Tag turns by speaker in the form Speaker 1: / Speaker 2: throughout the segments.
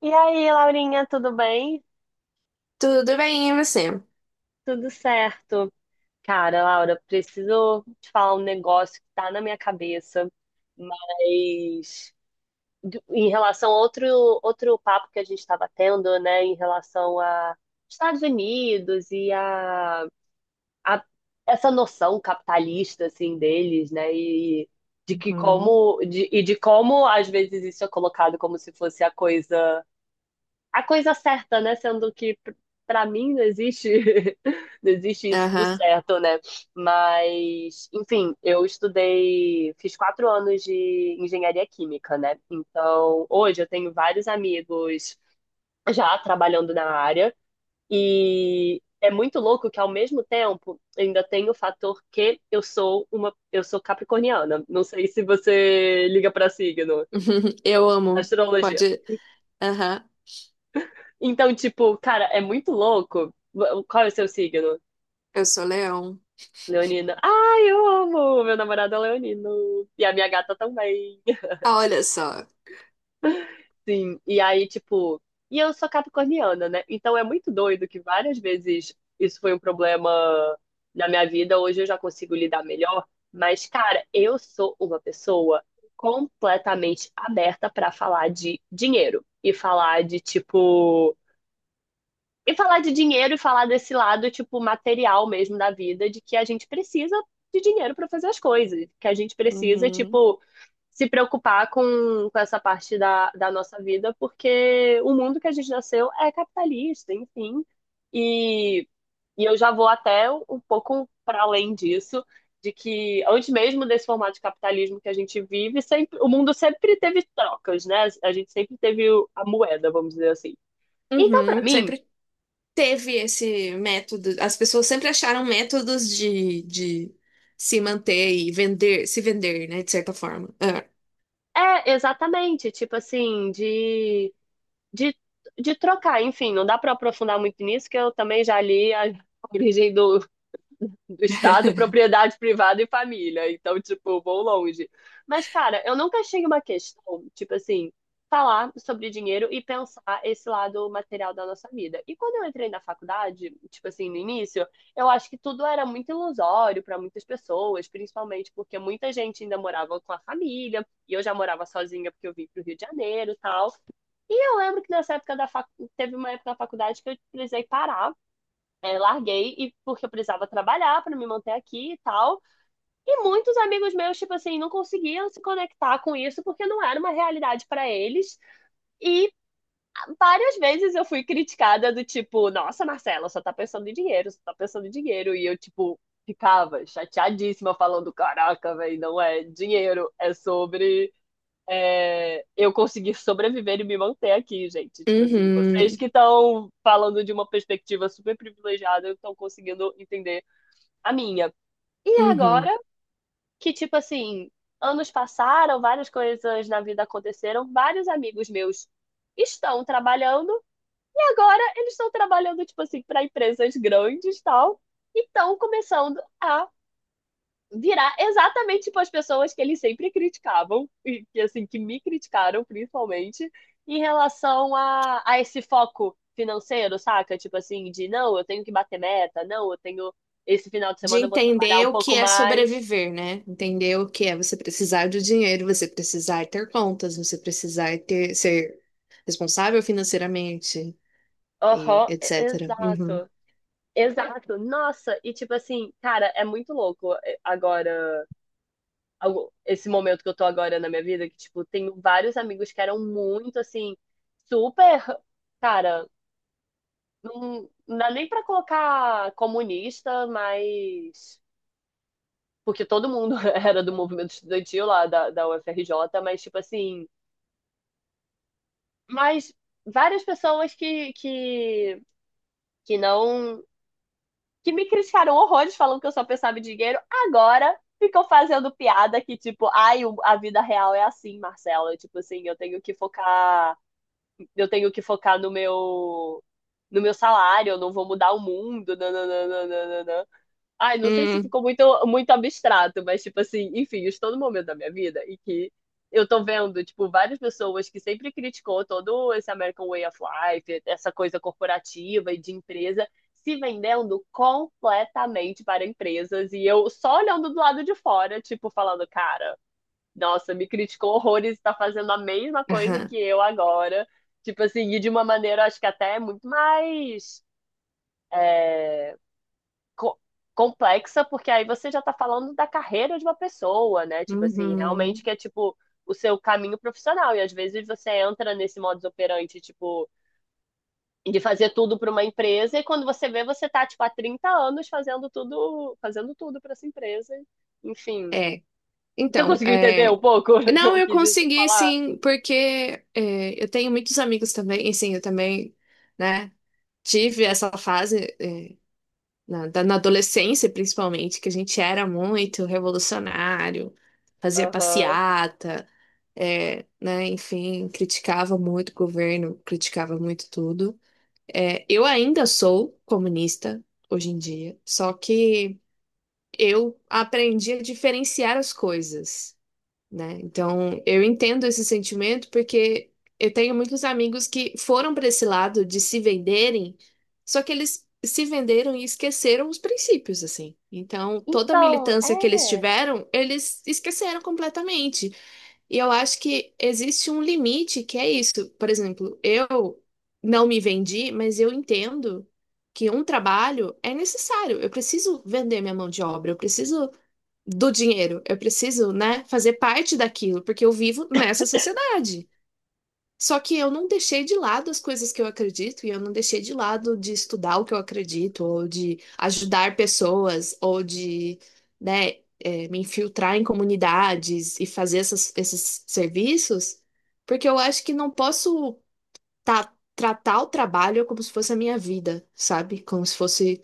Speaker 1: E aí, Laurinha, tudo bem?
Speaker 2: Tudo bem, e você?
Speaker 1: Tudo certo. Cara, Laura, preciso te falar um negócio que tá na minha cabeça, mas em relação a outro, outro papo que a gente estava tendo, né, em relação a Estados Unidos e a essa noção capitalista, assim, deles, né, e de que como, e de como às vezes isso é colocado como se fosse A coisa certa, né? Sendo que pra mim não existe, não existe isso do
Speaker 2: Aham.
Speaker 1: certo, né? Mas, enfim, eu estudei, fiz 4 anos de engenharia química, né? Então, hoje eu tenho vários amigos já trabalhando na área e é muito louco que ao mesmo tempo ainda tem o fator que eu sou capricorniana. Não sei se você liga pra signo,
Speaker 2: Eu amo.
Speaker 1: astrologia.
Speaker 2: Pode. Aham.
Speaker 1: Então, tipo, cara, é muito louco. Qual é o seu signo?
Speaker 2: Eu sou leão.
Speaker 1: Leonino. Ai, eu amo! Meu namorado é leonino. E a minha gata também.
Speaker 2: Ah, olha só.
Speaker 1: Sim. E aí, tipo. E eu sou capricorniana, né? Então é muito doido que várias vezes isso foi um problema na minha vida. Hoje eu já consigo lidar melhor. Mas, cara, eu sou uma pessoa completamente aberta pra falar de dinheiro e e falar de dinheiro e falar desse lado, tipo, material mesmo da vida, de que a gente precisa de dinheiro para fazer as coisas, que a gente precisa,
Speaker 2: Uhum.
Speaker 1: tipo, se preocupar com essa parte da nossa vida, porque o mundo que a gente nasceu é capitalista, enfim. E, e eu já vou até um pouco para além disso, de que antes mesmo desse formato de capitalismo que a gente vive, sempre, o mundo sempre teve trocas, né? A gente sempre teve a moeda, vamos dizer assim. Então, para
Speaker 2: Uhum.
Speaker 1: mim,
Speaker 2: Sempre teve esse método. As pessoas sempre acharam métodos de se manter e vender, se vender, né? De certa forma. Ah.
Speaker 1: é, exatamente, tipo assim, de, de trocar, enfim, não dá para aprofundar muito nisso, que eu também já li a origem do Estado, propriedade privada e família. Então, tipo, vou longe. Mas, cara, eu nunca achei uma questão, tipo assim, falar sobre dinheiro e pensar esse lado material da nossa vida. E quando eu entrei na faculdade, tipo assim, no início, eu acho que tudo era muito ilusório para muitas pessoas, principalmente porque muita gente ainda morava com a família, e eu já morava sozinha porque eu vim pro Rio de Janeiro e tal. E eu lembro que nessa época da fac... teve uma época na faculdade que eu precisei parar é, larguei e porque eu precisava trabalhar para me manter aqui e tal. E muitos amigos meus, tipo assim, não conseguiam se conectar com isso porque não era uma realidade para eles. E várias vezes eu fui criticada do tipo, nossa, Marcela, só tá pensando em dinheiro, só tá pensando em dinheiro. E eu, tipo, ficava chateadíssima falando, caraca, velho, não é dinheiro, é sobre é, eu conseguir sobreviver e me manter aqui, gente. Tipo assim, vocês
Speaker 2: Uhum.
Speaker 1: que estão falando de uma perspectiva super privilegiada, estão conseguindo entender a minha. E
Speaker 2: Uhum.
Speaker 1: agora que, tipo assim, anos passaram, várias coisas na vida aconteceram, vários amigos meus estão trabalhando e agora eles estão trabalhando, tipo assim, para empresas grandes e tal, e estão começando a virar exatamente tipo as pessoas que eles sempre criticavam, e que, assim, que me criticaram principalmente, em relação a esse foco financeiro, saca? Tipo assim, de não, eu tenho que bater meta, não, eu tenho. Esse final de
Speaker 2: De
Speaker 1: semana eu vou trabalhar um
Speaker 2: entender o que
Speaker 1: pouco
Speaker 2: é
Speaker 1: mais.
Speaker 2: sobreviver, né? Entender o que é você precisar de dinheiro, você precisar ter contas, você precisar ter, ser responsável financeiramente e
Speaker 1: Aham,
Speaker 2: etc. Uhum.
Speaker 1: exato. Exato. Nossa, e tipo assim, cara, é muito louco agora, esse momento que eu tô agora na minha vida, que tipo, tenho vários amigos que eram muito assim, super, cara, não, não dá nem pra colocar comunista, mas porque todo mundo era do movimento estudantil lá da UFRJ, mas tipo assim, mas várias pessoas que não que me criticaram horrores falando que eu só pensava em dinheiro, agora ficam fazendo piada que, tipo, ai, a vida real é assim, Marcelo. Tipo assim, eu tenho que focar, eu tenho que focar no meu salário, eu não vou mudar o mundo. Nananana. Ai, não sei se
Speaker 2: Hum,
Speaker 1: ficou muito, muito abstrato, mas, tipo assim, enfim, eu estou no momento da minha vida em que eu tô vendo, tipo, várias pessoas que sempre criticou todo esse American Way of Life, essa coisa corporativa e de empresa, se vendendo completamente para empresas. E eu só olhando do lado de fora, tipo, falando, cara, nossa, me criticou horrores e tá fazendo a mesma coisa
Speaker 2: aham,
Speaker 1: que eu agora. Tipo assim, e de uma maneira, acho que até é muito mais é, co- complexa, porque aí você já tá falando da carreira de uma pessoa, né? Tipo assim, realmente
Speaker 2: uhum.
Speaker 1: que é tipo o seu caminho profissional. E às vezes você entra nesse modus operandi, tipo, de fazer tudo para uma empresa, e quando você vê, você tá, tipo, há 30 anos fazendo tudo para essa empresa. Enfim.
Speaker 2: É,
Speaker 1: Você
Speaker 2: então,
Speaker 1: conseguiu entender
Speaker 2: é...
Speaker 1: um pouco o que
Speaker 2: Não,
Speaker 1: eu
Speaker 2: eu
Speaker 1: quis
Speaker 2: consegui
Speaker 1: falar?
Speaker 2: sim, porque eu tenho muitos amigos também, e sim, eu também, né, tive essa fase, na adolescência, principalmente, que a gente era muito revolucionário, fazia
Speaker 1: Aham.
Speaker 2: passeata, é, né, enfim, criticava muito o governo, criticava muito tudo. É, eu ainda sou comunista hoje em dia, só que eu aprendi a diferenciar as coisas, né? Então, eu entendo esse sentimento, porque eu tenho muitos amigos que foram para esse lado de se venderem, só que eles se venderam e esqueceram os princípios, assim. Então, toda a
Speaker 1: Então,
Speaker 2: militância que eles
Speaker 1: é.
Speaker 2: tiveram, eles esqueceram completamente. E eu acho que existe um limite que é isso. Por exemplo, eu não me vendi, mas eu entendo que um trabalho é necessário. Eu preciso vender minha mão de obra, eu preciso do dinheiro. Eu preciso, né, fazer parte daquilo, porque eu vivo nessa sociedade. Só que eu não deixei de lado as coisas que eu acredito e eu não deixei de lado de estudar o que eu acredito, ou de ajudar pessoas, ou de, né, me infiltrar em comunidades e fazer esses serviços, porque eu acho que não posso tá, tratar o trabalho como se fosse a minha vida, sabe? Como se fosse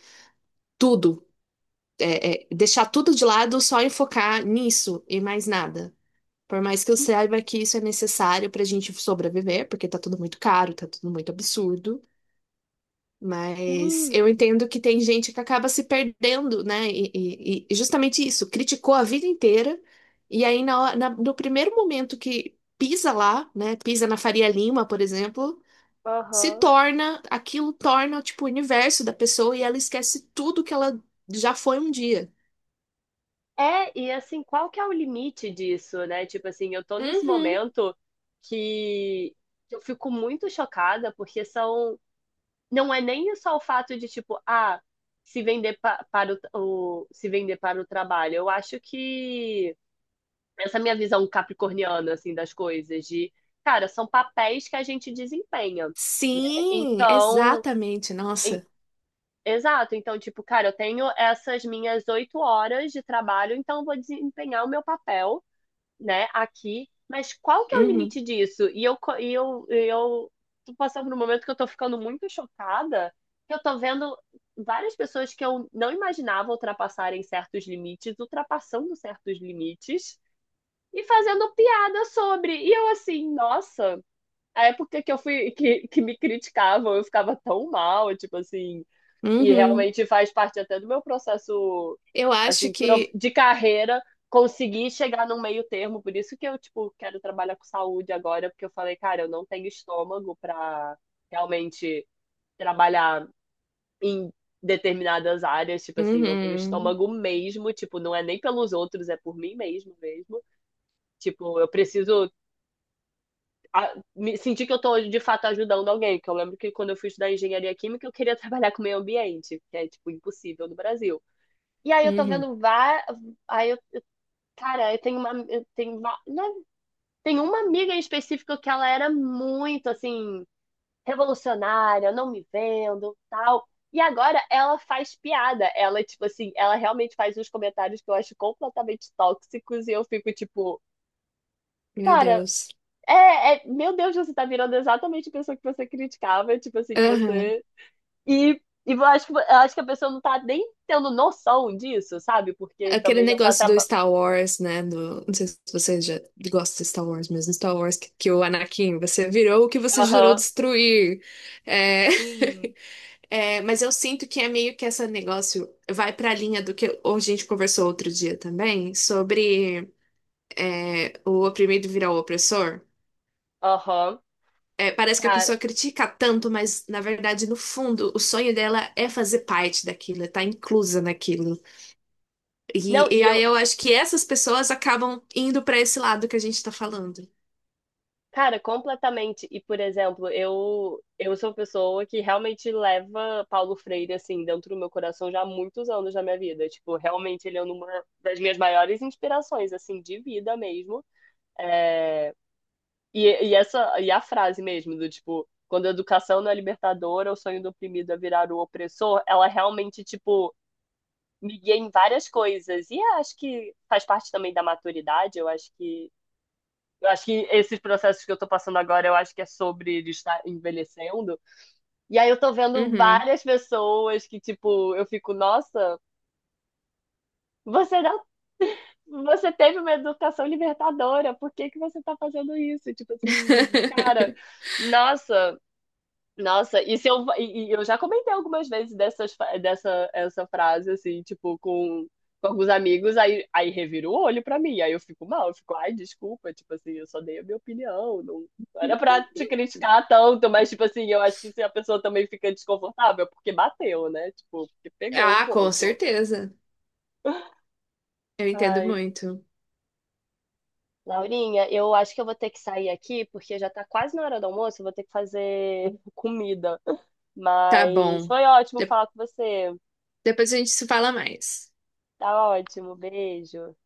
Speaker 2: tudo, é, deixar tudo de lado, só enfocar nisso e mais nada. Por mais que eu saiba que isso é necessário para a gente sobreviver, porque tá tudo muito caro, tá tudo muito absurdo. Mas
Speaker 1: Sim.
Speaker 2: eu entendo que tem gente que acaba se perdendo, né? E justamente isso, criticou a vida inteira, e aí no primeiro momento que pisa lá, né? Pisa na Faria Lima, por exemplo, se
Speaker 1: Aham.
Speaker 2: torna, aquilo torna, tipo, o universo da pessoa, e ela esquece tudo que ela já foi um dia.
Speaker 1: É, e assim, qual que é o limite disso, né? Tipo assim, eu tô nesse
Speaker 2: Uhum.
Speaker 1: momento que eu fico muito chocada, porque são. Não é nem só o fato de, tipo, ah, se vender se vender para o trabalho. Eu acho que essa minha visão capricorniana, assim, das coisas, cara, são papéis que a gente desempenha, né?
Speaker 2: Sim,
Speaker 1: Então.
Speaker 2: exatamente,
Speaker 1: em-
Speaker 2: nossa.
Speaker 1: Exato, então, tipo, cara, eu tenho essas minhas 8 horas de trabalho, então eu vou desempenhar o meu papel, né, aqui, mas qual que é o
Speaker 2: Uhum.
Speaker 1: limite disso? E eu, co- e eu tô passando por um momento que eu tô ficando muito chocada, que eu tô vendo várias pessoas que eu não imaginava ultrapassarem certos limites, ultrapassando certos limites e fazendo piada sobre. E eu assim, nossa, a época que eu fui, que me criticavam, eu ficava tão mal, tipo assim. E
Speaker 2: Uhum.
Speaker 1: realmente faz parte até do meu processo,
Speaker 2: Eu acho
Speaker 1: assim,
Speaker 2: que.
Speaker 1: de carreira, conseguir chegar num meio termo. Por isso que eu, tipo, quero trabalhar com saúde agora, porque eu falei, cara, eu não tenho estômago para realmente trabalhar em determinadas áreas, tipo assim, não tenho
Speaker 2: Uhum,
Speaker 1: estômago mesmo, tipo, não é nem pelos outros, é por mim mesmo mesmo. Tipo, eu preciso me sentir que eu tô de fato ajudando alguém, que eu lembro que quando eu fui estudar engenharia química, eu queria trabalhar com meio ambiente, que é tipo impossível no Brasil. E aí eu tô
Speaker 2: uhum,
Speaker 1: vendo várias. Aí eu, cara, eu tenho uma. Eu tenho, não, tem uma amiga em específico que ela era muito assim, revolucionária, não me vendo, tal. E agora ela faz piada. Ela, tipo assim, ela realmente faz uns comentários que eu acho completamente tóxicos e eu fico, tipo,
Speaker 2: meu
Speaker 1: cara,
Speaker 2: Deus.
Speaker 1: meu Deus, você tá virando exatamente a pessoa que você criticava, tipo assim, que
Speaker 2: Aham.
Speaker 1: você. E, e eu acho que a pessoa não tá nem tendo noção disso, sabe? Porque
Speaker 2: Aquele
Speaker 1: também já tá
Speaker 2: negócio do Star Wars, né? Do... Não sei se você já gosta de Star Wars, mas no Star Wars que, o Anakin, você virou o que você jurou
Speaker 1: trabalhando.
Speaker 2: destruir. É...
Speaker 1: Sim.
Speaker 2: É, mas eu sinto que é meio que esse negócio vai para a linha do que a gente conversou outro dia também, sobre é, o oprimido virar o opressor.
Speaker 1: Aham,
Speaker 2: É, parece que a
Speaker 1: cara.
Speaker 2: pessoa critica tanto, mas na verdade, no fundo, o sonho dela é fazer parte daquilo, é estar inclusa naquilo. E,
Speaker 1: Não,
Speaker 2: e
Speaker 1: e
Speaker 2: aí
Speaker 1: eu,
Speaker 2: eu acho que essas pessoas acabam indo para esse lado que a gente está falando.
Speaker 1: cara, completamente. E, por exemplo, eu sou uma pessoa que realmente leva Paulo Freire, assim, dentro do meu coração já há muitos anos da minha vida. Tipo, realmente ele é uma das minhas maiores inspirações, assim, de vida mesmo. É. E, e a frase mesmo, do tipo, quando a educação não é libertadora, o sonho do oprimido é virar o opressor, ela realmente, tipo, me guia em várias coisas. E acho que faz parte também da maturidade, eu acho que esses processos que eu tô passando agora, eu acho que é sobre estar envelhecendo. E aí eu tô vendo
Speaker 2: Uhum.
Speaker 1: várias pessoas que, tipo, eu fico, nossa, você não, você teve uma educação libertadora, por que que você tá fazendo isso? Tipo assim, cara, nossa, Nossa, e se eu, e eu já comentei algumas vezes dessa essa frase, assim, tipo, com alguns amigos, aí revira o olho pra mim, aí eu fico mal, eu fico, ai, desculpa, tipo assim, eu só dei a minha opinião, não era pra te criticar tanto, mas, tipo assim, eu acho que se a pessoa também fica desconfortável, é porque bateu, né? Tipo, porque pegou um
Speaker 2: Ah, com
Speaker 1: pouco.
Speaker 2: certeza. Eu entendo
Speaker 1: Ai,
Speaker 2: muito.
Speaker 1: Laurinha, eu acho que eu vou ter que sair aqui, porque já tá quase na hora do almoço, eu vou ter que fazer comida.
Speaker 2: Tá
Speaker 1: Mas
Speaker 2: bom.
Speaker 1: foi ótimo
Speaker 2: De-
Speaker 1: falar com você.
Speaker 2: Depois a gente se fala mais.
Speaker 1: Tá ótimo, beijo.